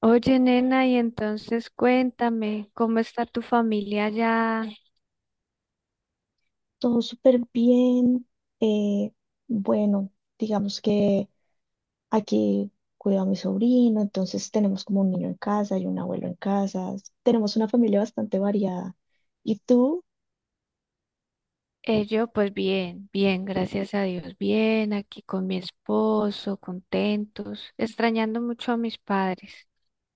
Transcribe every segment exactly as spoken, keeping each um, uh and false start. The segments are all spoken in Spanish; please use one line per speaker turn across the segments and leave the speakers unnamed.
Oye, nena, y entonces cuéntame, ¿cómo está tu familia allá?
Todo súper bien. eh, bueno, digamos que aquí cuido a mi sobrino, entonces tenemos como un niño en casa y un abuelo en casa. Tenemos una familia bastante variada. ¿Y tú?
Eh, yo, pues bien, bien, gracias a Dios, bien, aquí con mi esposo, contentos, extrañando mucho a mis padres.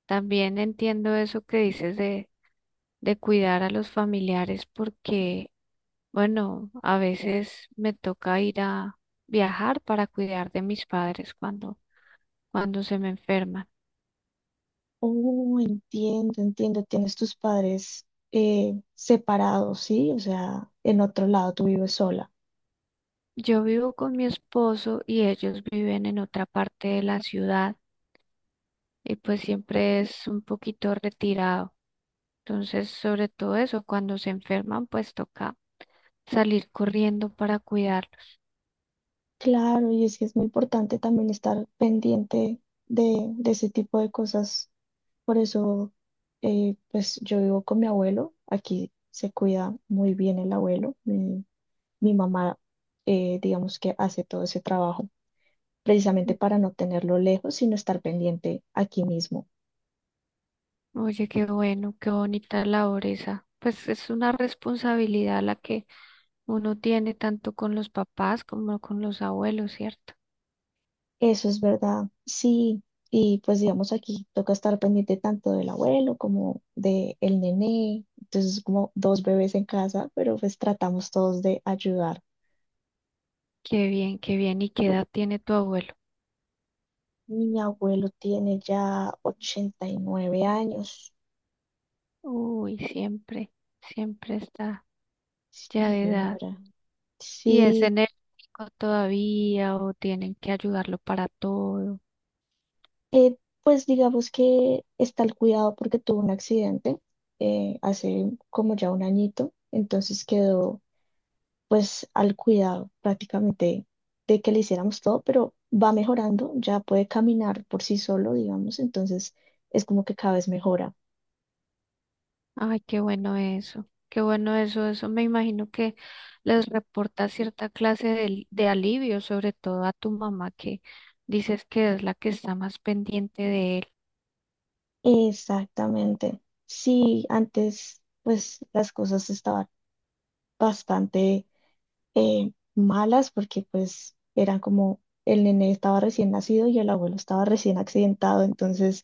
También entiendo eso que dices de, de cuidar a los familiares porque, bueno, a veces me toca ir a viajar para cuidar de mis padres cuando, cuando se me enferman.
Oh, entiendo, entiendo. Tienes tus padres eh, separados, ¿sí? O sea, en otro lado, tú vives sola.
Yo vivo con mi esposo y ellos viven en otra parte de la ciudad y pues siempre es un poquito retirado. Entonces, sobre todo eso, cuando se enferman, pues toca salir corriendo para cuidarlos.
Claro, y es que es muy importante también estar pendiente de, de ese tipo de cosas. Por eso, eh, pues yo vivo con mi abuelo. Aquí se cuida muy bien el abuelo. Mi, mi mamá, eh, digamos que hace todo ese trabajo precisamente
Mm.
para no tenerlo lejos, sino estar pendiente aquí mismo.
Oye, qué bueno, qué bonita labor esa. Pues es una responsabilidad la que uno tiene tanto con los papás como con los abuelos, ¿cierto?
Eso es verdad, sí. Y pues digamos aquí toca estar pendiente tanto del abuelo como del nené. Entonces como dos bebés en casa, pero pues tratamos todos de ayudar.
Qué bien, qué bien. ¿Y qué edad tiene tu abuelo?
Mi abuelo tiene ya ochenta y nueve años.
Uy, siempre, siempre está ya
Sí,
de edad.
señora.
¿Y es
Sí,
enérgico todavía o tienen que ayudarlo para todo?
eh, pues digamos que está el cuidado porque tuvo un accidente eh, hace como ya un añito, entonces quedó pues al cuidado prácticamente de que le hiciéramos todo, pero va mejorando, ya puede caminar por sí solo, digamos, entonces es como que cada vez mejora.
Ay, qué bueno eso. Qué bueno eso. Eso me imagino que les reporta cierta clase de, de alivio, sobre todo a tu mamá, que dices que es la que está más pendiente de él.
Exactamente. Sí, antes pues las cosas estaban bastante eh, malas porque pues eran como el nene estaba recién nacido y el abuelo estaba recién accidentado, entonces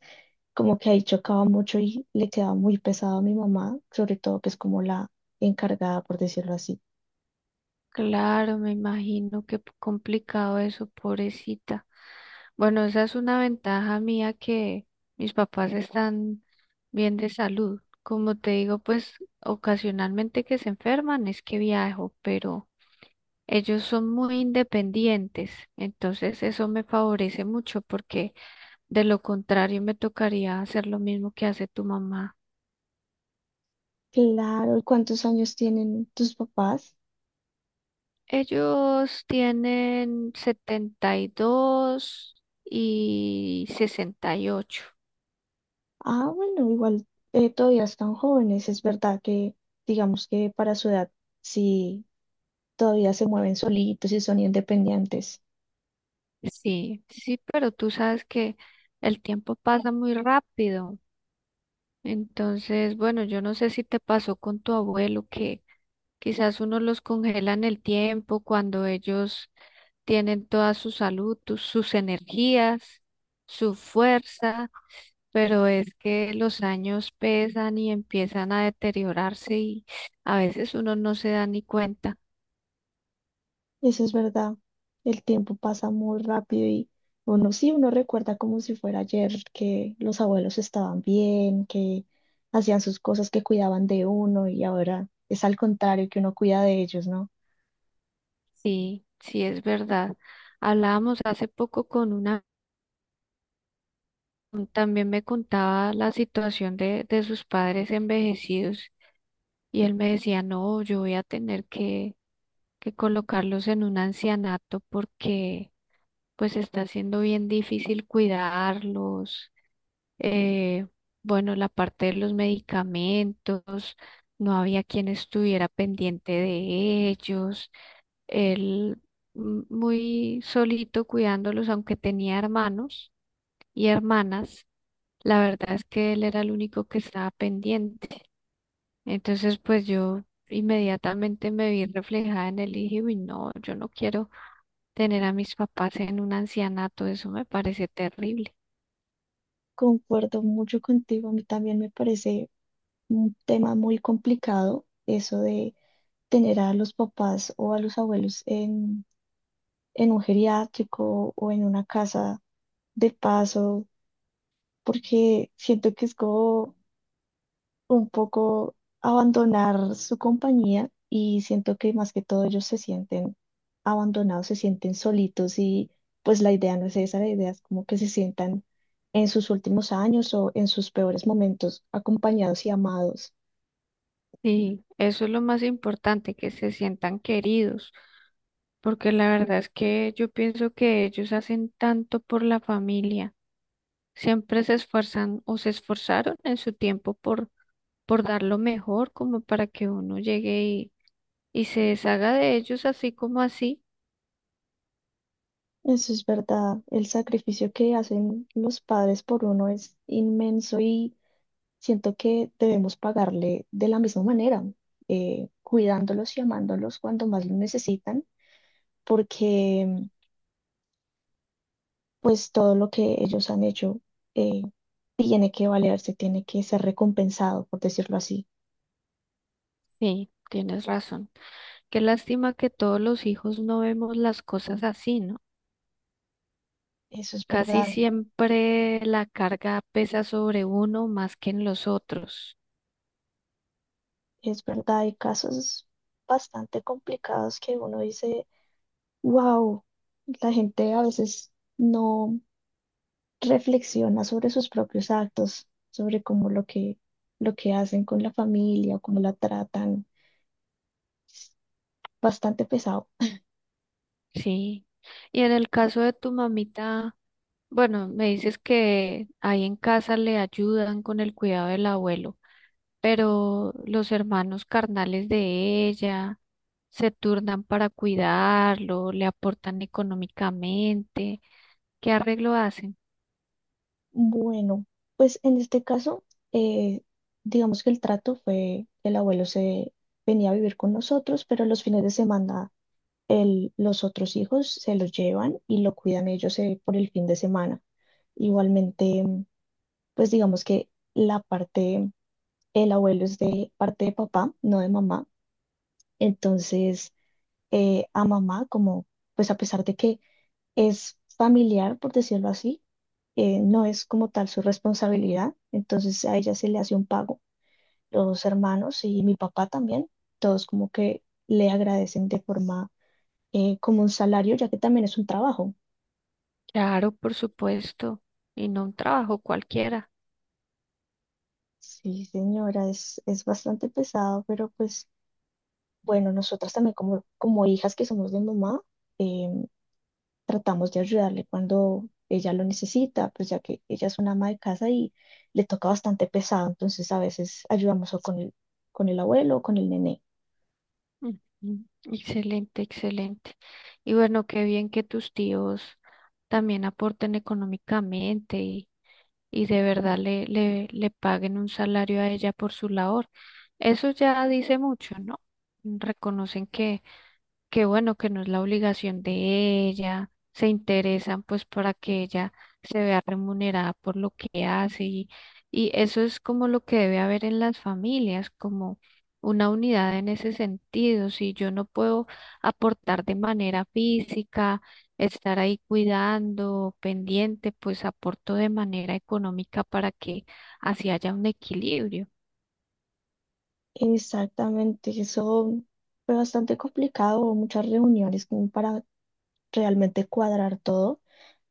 como que ahí chocaba mucho y le quedaba muy pesado a mi mamá, sobre todo que es como la encargada, por decirlo así.
Claro, me imagino qué p- complicado eso, pobrecita. Bueno, esa es una ventaja mía, que mis papás están bien de salud. Como te digo, pues ocasionalmente que se enferman es que viajo, pero ellos son muy independientes, entonces eso me favorece mucho porque de lo contrario me tocaría hacer lo mismo que hace tu mamá.
Claro, ¿y ¿cuántos años tienen tus papás?
Ellos tienen setenta y dos y y sesenta y ocho.
Ah, bueno, igual eh, todavía están jóvenes, es verdad que digamos que para su edad sí todavía se mueven solitos y son independientes.
Sí, sí, pero tú sabes que el tiempo pasa muy rápido. Entonces, bueno, yo no sé si te pasó con tu abuelo, que quizás uno los congela en el tiempo cuando ellos tienen toda su salud, tu- sus energías, su fuerza. Pero es que los años pesan y empiezan a deteriorarse y a veces uno no se da ni cuenta.
Eso es verdad. El tiempo pasa muy rápido y uno sí, uno recuerda como si fuera ayer que los abuelos estaban bien, que hacían sus cosas, que cuidaban de uno y ahora es al contrario, que uno cuida de ellos, ¿no?
Sí, sí es verdad. Hablábamos hace poco con una, también me contaba la situación de, de sus padres envejecidos, y él me decía, no, yo voy a tener que, que colocarlos en un ancianato porque pues está siendo bien difícil cuidarlos, eh, bueno, la parte de los medicamentos, no había quien estuviera pendiente de ellos, él, mm, muy solito cuidándolos, aunque tenía hermanos y hermanas, la verdad es que él era el único que estaba pendiente. Entonces, pues yo inmediatamente me vi reflejada en él y dije, uy, no, yo no quiero tener a mis papás en un ancianato, eso me parece terrible.
Concuerdo mucho contigo. A mí también me parece un tema muy complicado eso de tener a los papás o a los abuelos en, en un geriátrico o en una casa de paso, porque siento que es como un poco abandonar su compañía y siento que más que todo ellos se sienten abandonados, se sienten solitos y pues la idea no es esa, la idea es como que se sientan en sus últimos años o en sus peores momentos acompañados y amados.
Sí, eso es lo más importante, que se sientan queridos, porque la verdad es que yo pienso que ellos hacen tanto por la familia, siempre se esfuerzan o se esforzaron en su tiempo por, por dar lo mejor, como para que uno llegue y, y se deshaga de ellos así como así.
Eso es verdad, el sacrificio que hacen los padres por uno es inmenso y siento que debemos pagarle de la misma manera, eh, cuidándolos y amándolos cuando más lo necesitan, porque pues todo lo que ellos han hecho eh, tiene que valerse, tiene que ser recompensado, por decirlo así.
Sí, tienes razón. Qué lástima que todos los hijos no vemos las cosas así, ¿no?
Eso es
Casi
verdad,
siempre la carga pesa sobre uno más que en los otros.
es verdad. Hay casos bastante complicados que uno dice, wow, la gente a veces no reflexiona sobre sus propios actos, sobre cómo lo que, lo que hacen con la familia o cómo la tratan. Bastante pesado.
Sí. Y en el caso de tu mamita, bueno, me dices que ahí en casa le ayudan con el cuidado del abuelo, pero los hermanos carnales de ella se turnan para cuidarlo, le aportan económicamente. ¿Qué arreglo hacen?
Bueno, pues en este caso, eh, digamos que el trato fue, el abuelo se venía a vivir con nosotros, pero los fines de semana el- los otros hijos se los llevan y lo cuidan ellos eh, por el fin de semana. Igualmente, pues digamos que la parte, el abuelo es de parte de papá, no de mamá. Entonces, eh, a mamá, como, pues a pesar de que es familiar, por decirlo así, eh, no es como tal su responsabilidad, entonces a ella se le hace un pago. Los hermanos y mi papá también, todos como que le agradecen de forma eh, como un salario, ya que también es un trabajo.
Claro, por supuesto, y no un trabajo cualquiera.
Sí, señora, es, es bastante pesado, pero pues bueno, nosotras también como, como hijas que somos de mamá, em, tratamos de ayudarle cuando ella lo necesita, pues ya que ella es una ama de casa y le toca bastante pesado, entonces a veces ayudamos o con el, con el abuelo o con el nené.
Ujú. Excelente, excelente. Y bueno, qué bien que tus tíos también aporten económicamente y de verdad le, le, le paguen un salario a ella por su labor. Eso ya dice mucho, ¿no? Reconocen que qué bueno que no es la obligación de ella, se interesan pues para que ella se vea remunerada por lo que hace y, y eso es como lo que debe haber en las familias, como una unidad en ese sentido. Si yo no puedo aportar de manera física, estar ahí cuidando, pendiente, pues aporto de manera económica para que así haya un equilibrio.
Exactamente, eso fue bastante complicado, hubo muchas reuniones como para realmente cuadrar todo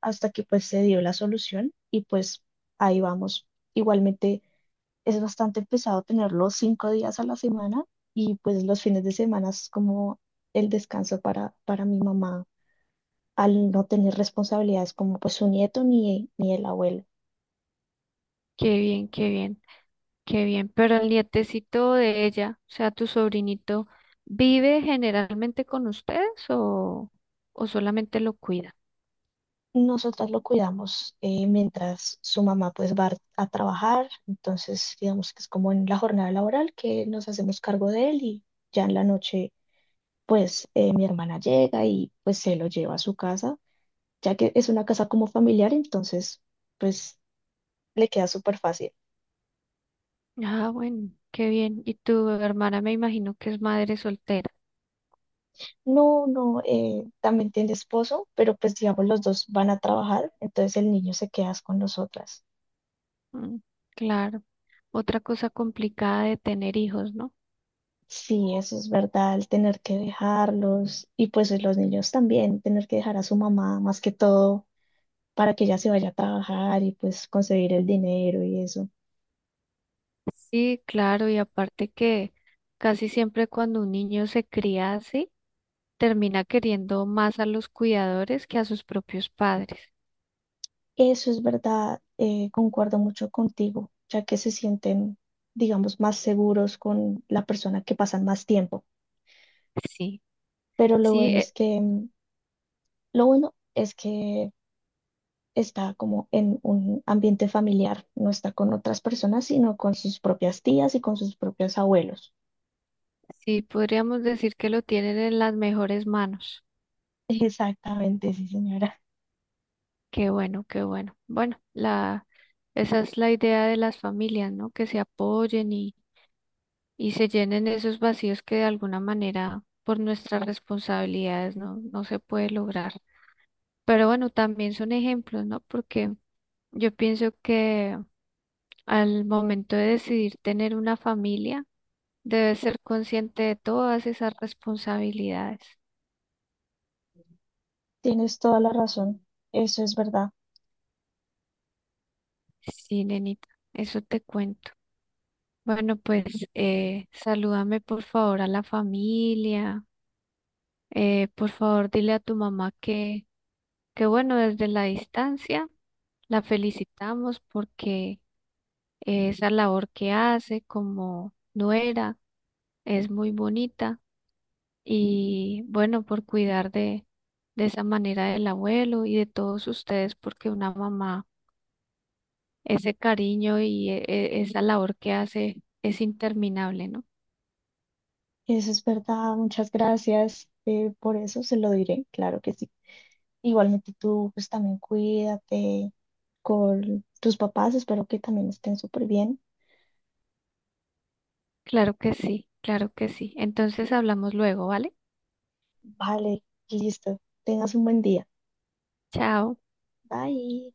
hasta que pues se dio la solución y pues ahí vamos. Igualmente es bastante pesado tenerlo cinco días a la semana y pues los fines de semana es como el descanso para, para mi mamá al no tener responsabilidades como pues su nieto ni, ni el abuelo.
Qué bien, qué bien. Qué bien, pero el nietecito de ella, o sea, tu sobrinito, ¿vive generalmente con ustedes o, o solamente lo cuida?
Nosotras lo cuidamos eh, mientras su mamá pues va a trabajar, entonces digamos que es como en la jornada laboral que nos hacemos cargo de él y ya en la noche pues eh, mi hermana llega y pues se lo lleva a su casa, ya que es una casa como familiar, entonces pues le queda súper fácil.
Ah, bueno, qué bien. Y tu hermana me imagino que es madre soltera.
No, no, eh, también tiene esposo, pero pues digamos los dos van a trabajar, entonces el niño se queda con nosotras.
Mm, claro, otra cosa complicada de tener hijos, ¿no?
Sí, eso es verdad, el tener que dejarlos y pues eh, los niños también, tener que dejar a su mamá más que todo para que ella se vaya a trabajar y pues conseguir el dinero y eso.
Sí, claro, y aparte que casi siempre cuando un niño se cría así, termina queriendo más a los cuidadores que a sus propios padres.
Eso es verdad, eh, concuerdo mucho contigo, ya que se sienten, digamos, más seguros con la persona que pasan más tiempo.
Sí,
Pero lo
sí,
bueno es
e-.
que, mm, lo bueno es que está como en un ambiente familiar, no está con otras personas, sino con sus propias tías y con sus propios abuelos.
Sí, podríamos decir que lo tienen en las mejores manos.
Exactamente, sí, señora.
Qué bueno, qué bueno. Bueno, la, esa es la idea de las familias, ¿no? Que se apoyen y, y se llenen esos vacíos que de alguna manera por nuestras responsabilidades no, no se puede lograr. Pero bueno, también son ejemplos, ¿no? Porque yo pienso que al momento de decidir tener una familia, debes ser consciente de todas esas responsabilidades.
Tienes toda la razón. Eso es verdad.
Sí, nenita, eso te cuento. Bueno, pues eh, salúdame por favor a la familia. Eh, por favor, dile a tu mamá que, que bueno, desde la distancia la felicitamos porque eh, esa labor que hace como nuera es muy bonita y bueno, por cuidar de, de esa manera del abuelo y de todos ustedes, porque una mamá, ese cariño y e- e- esa labor que hace es interminable, ¿no?
Eso es verdad. Muchas gracias eh, por eso. Se lo diré. Claro que sí. Igualmente tú, pues también cuídate con tus papás. Espero que también estén súper bien.
Claro que sí, claro que sí. Entonces hablamos luego, ¿vale?
Vale, listo. Tengas un buen día.
Chao.
Bye.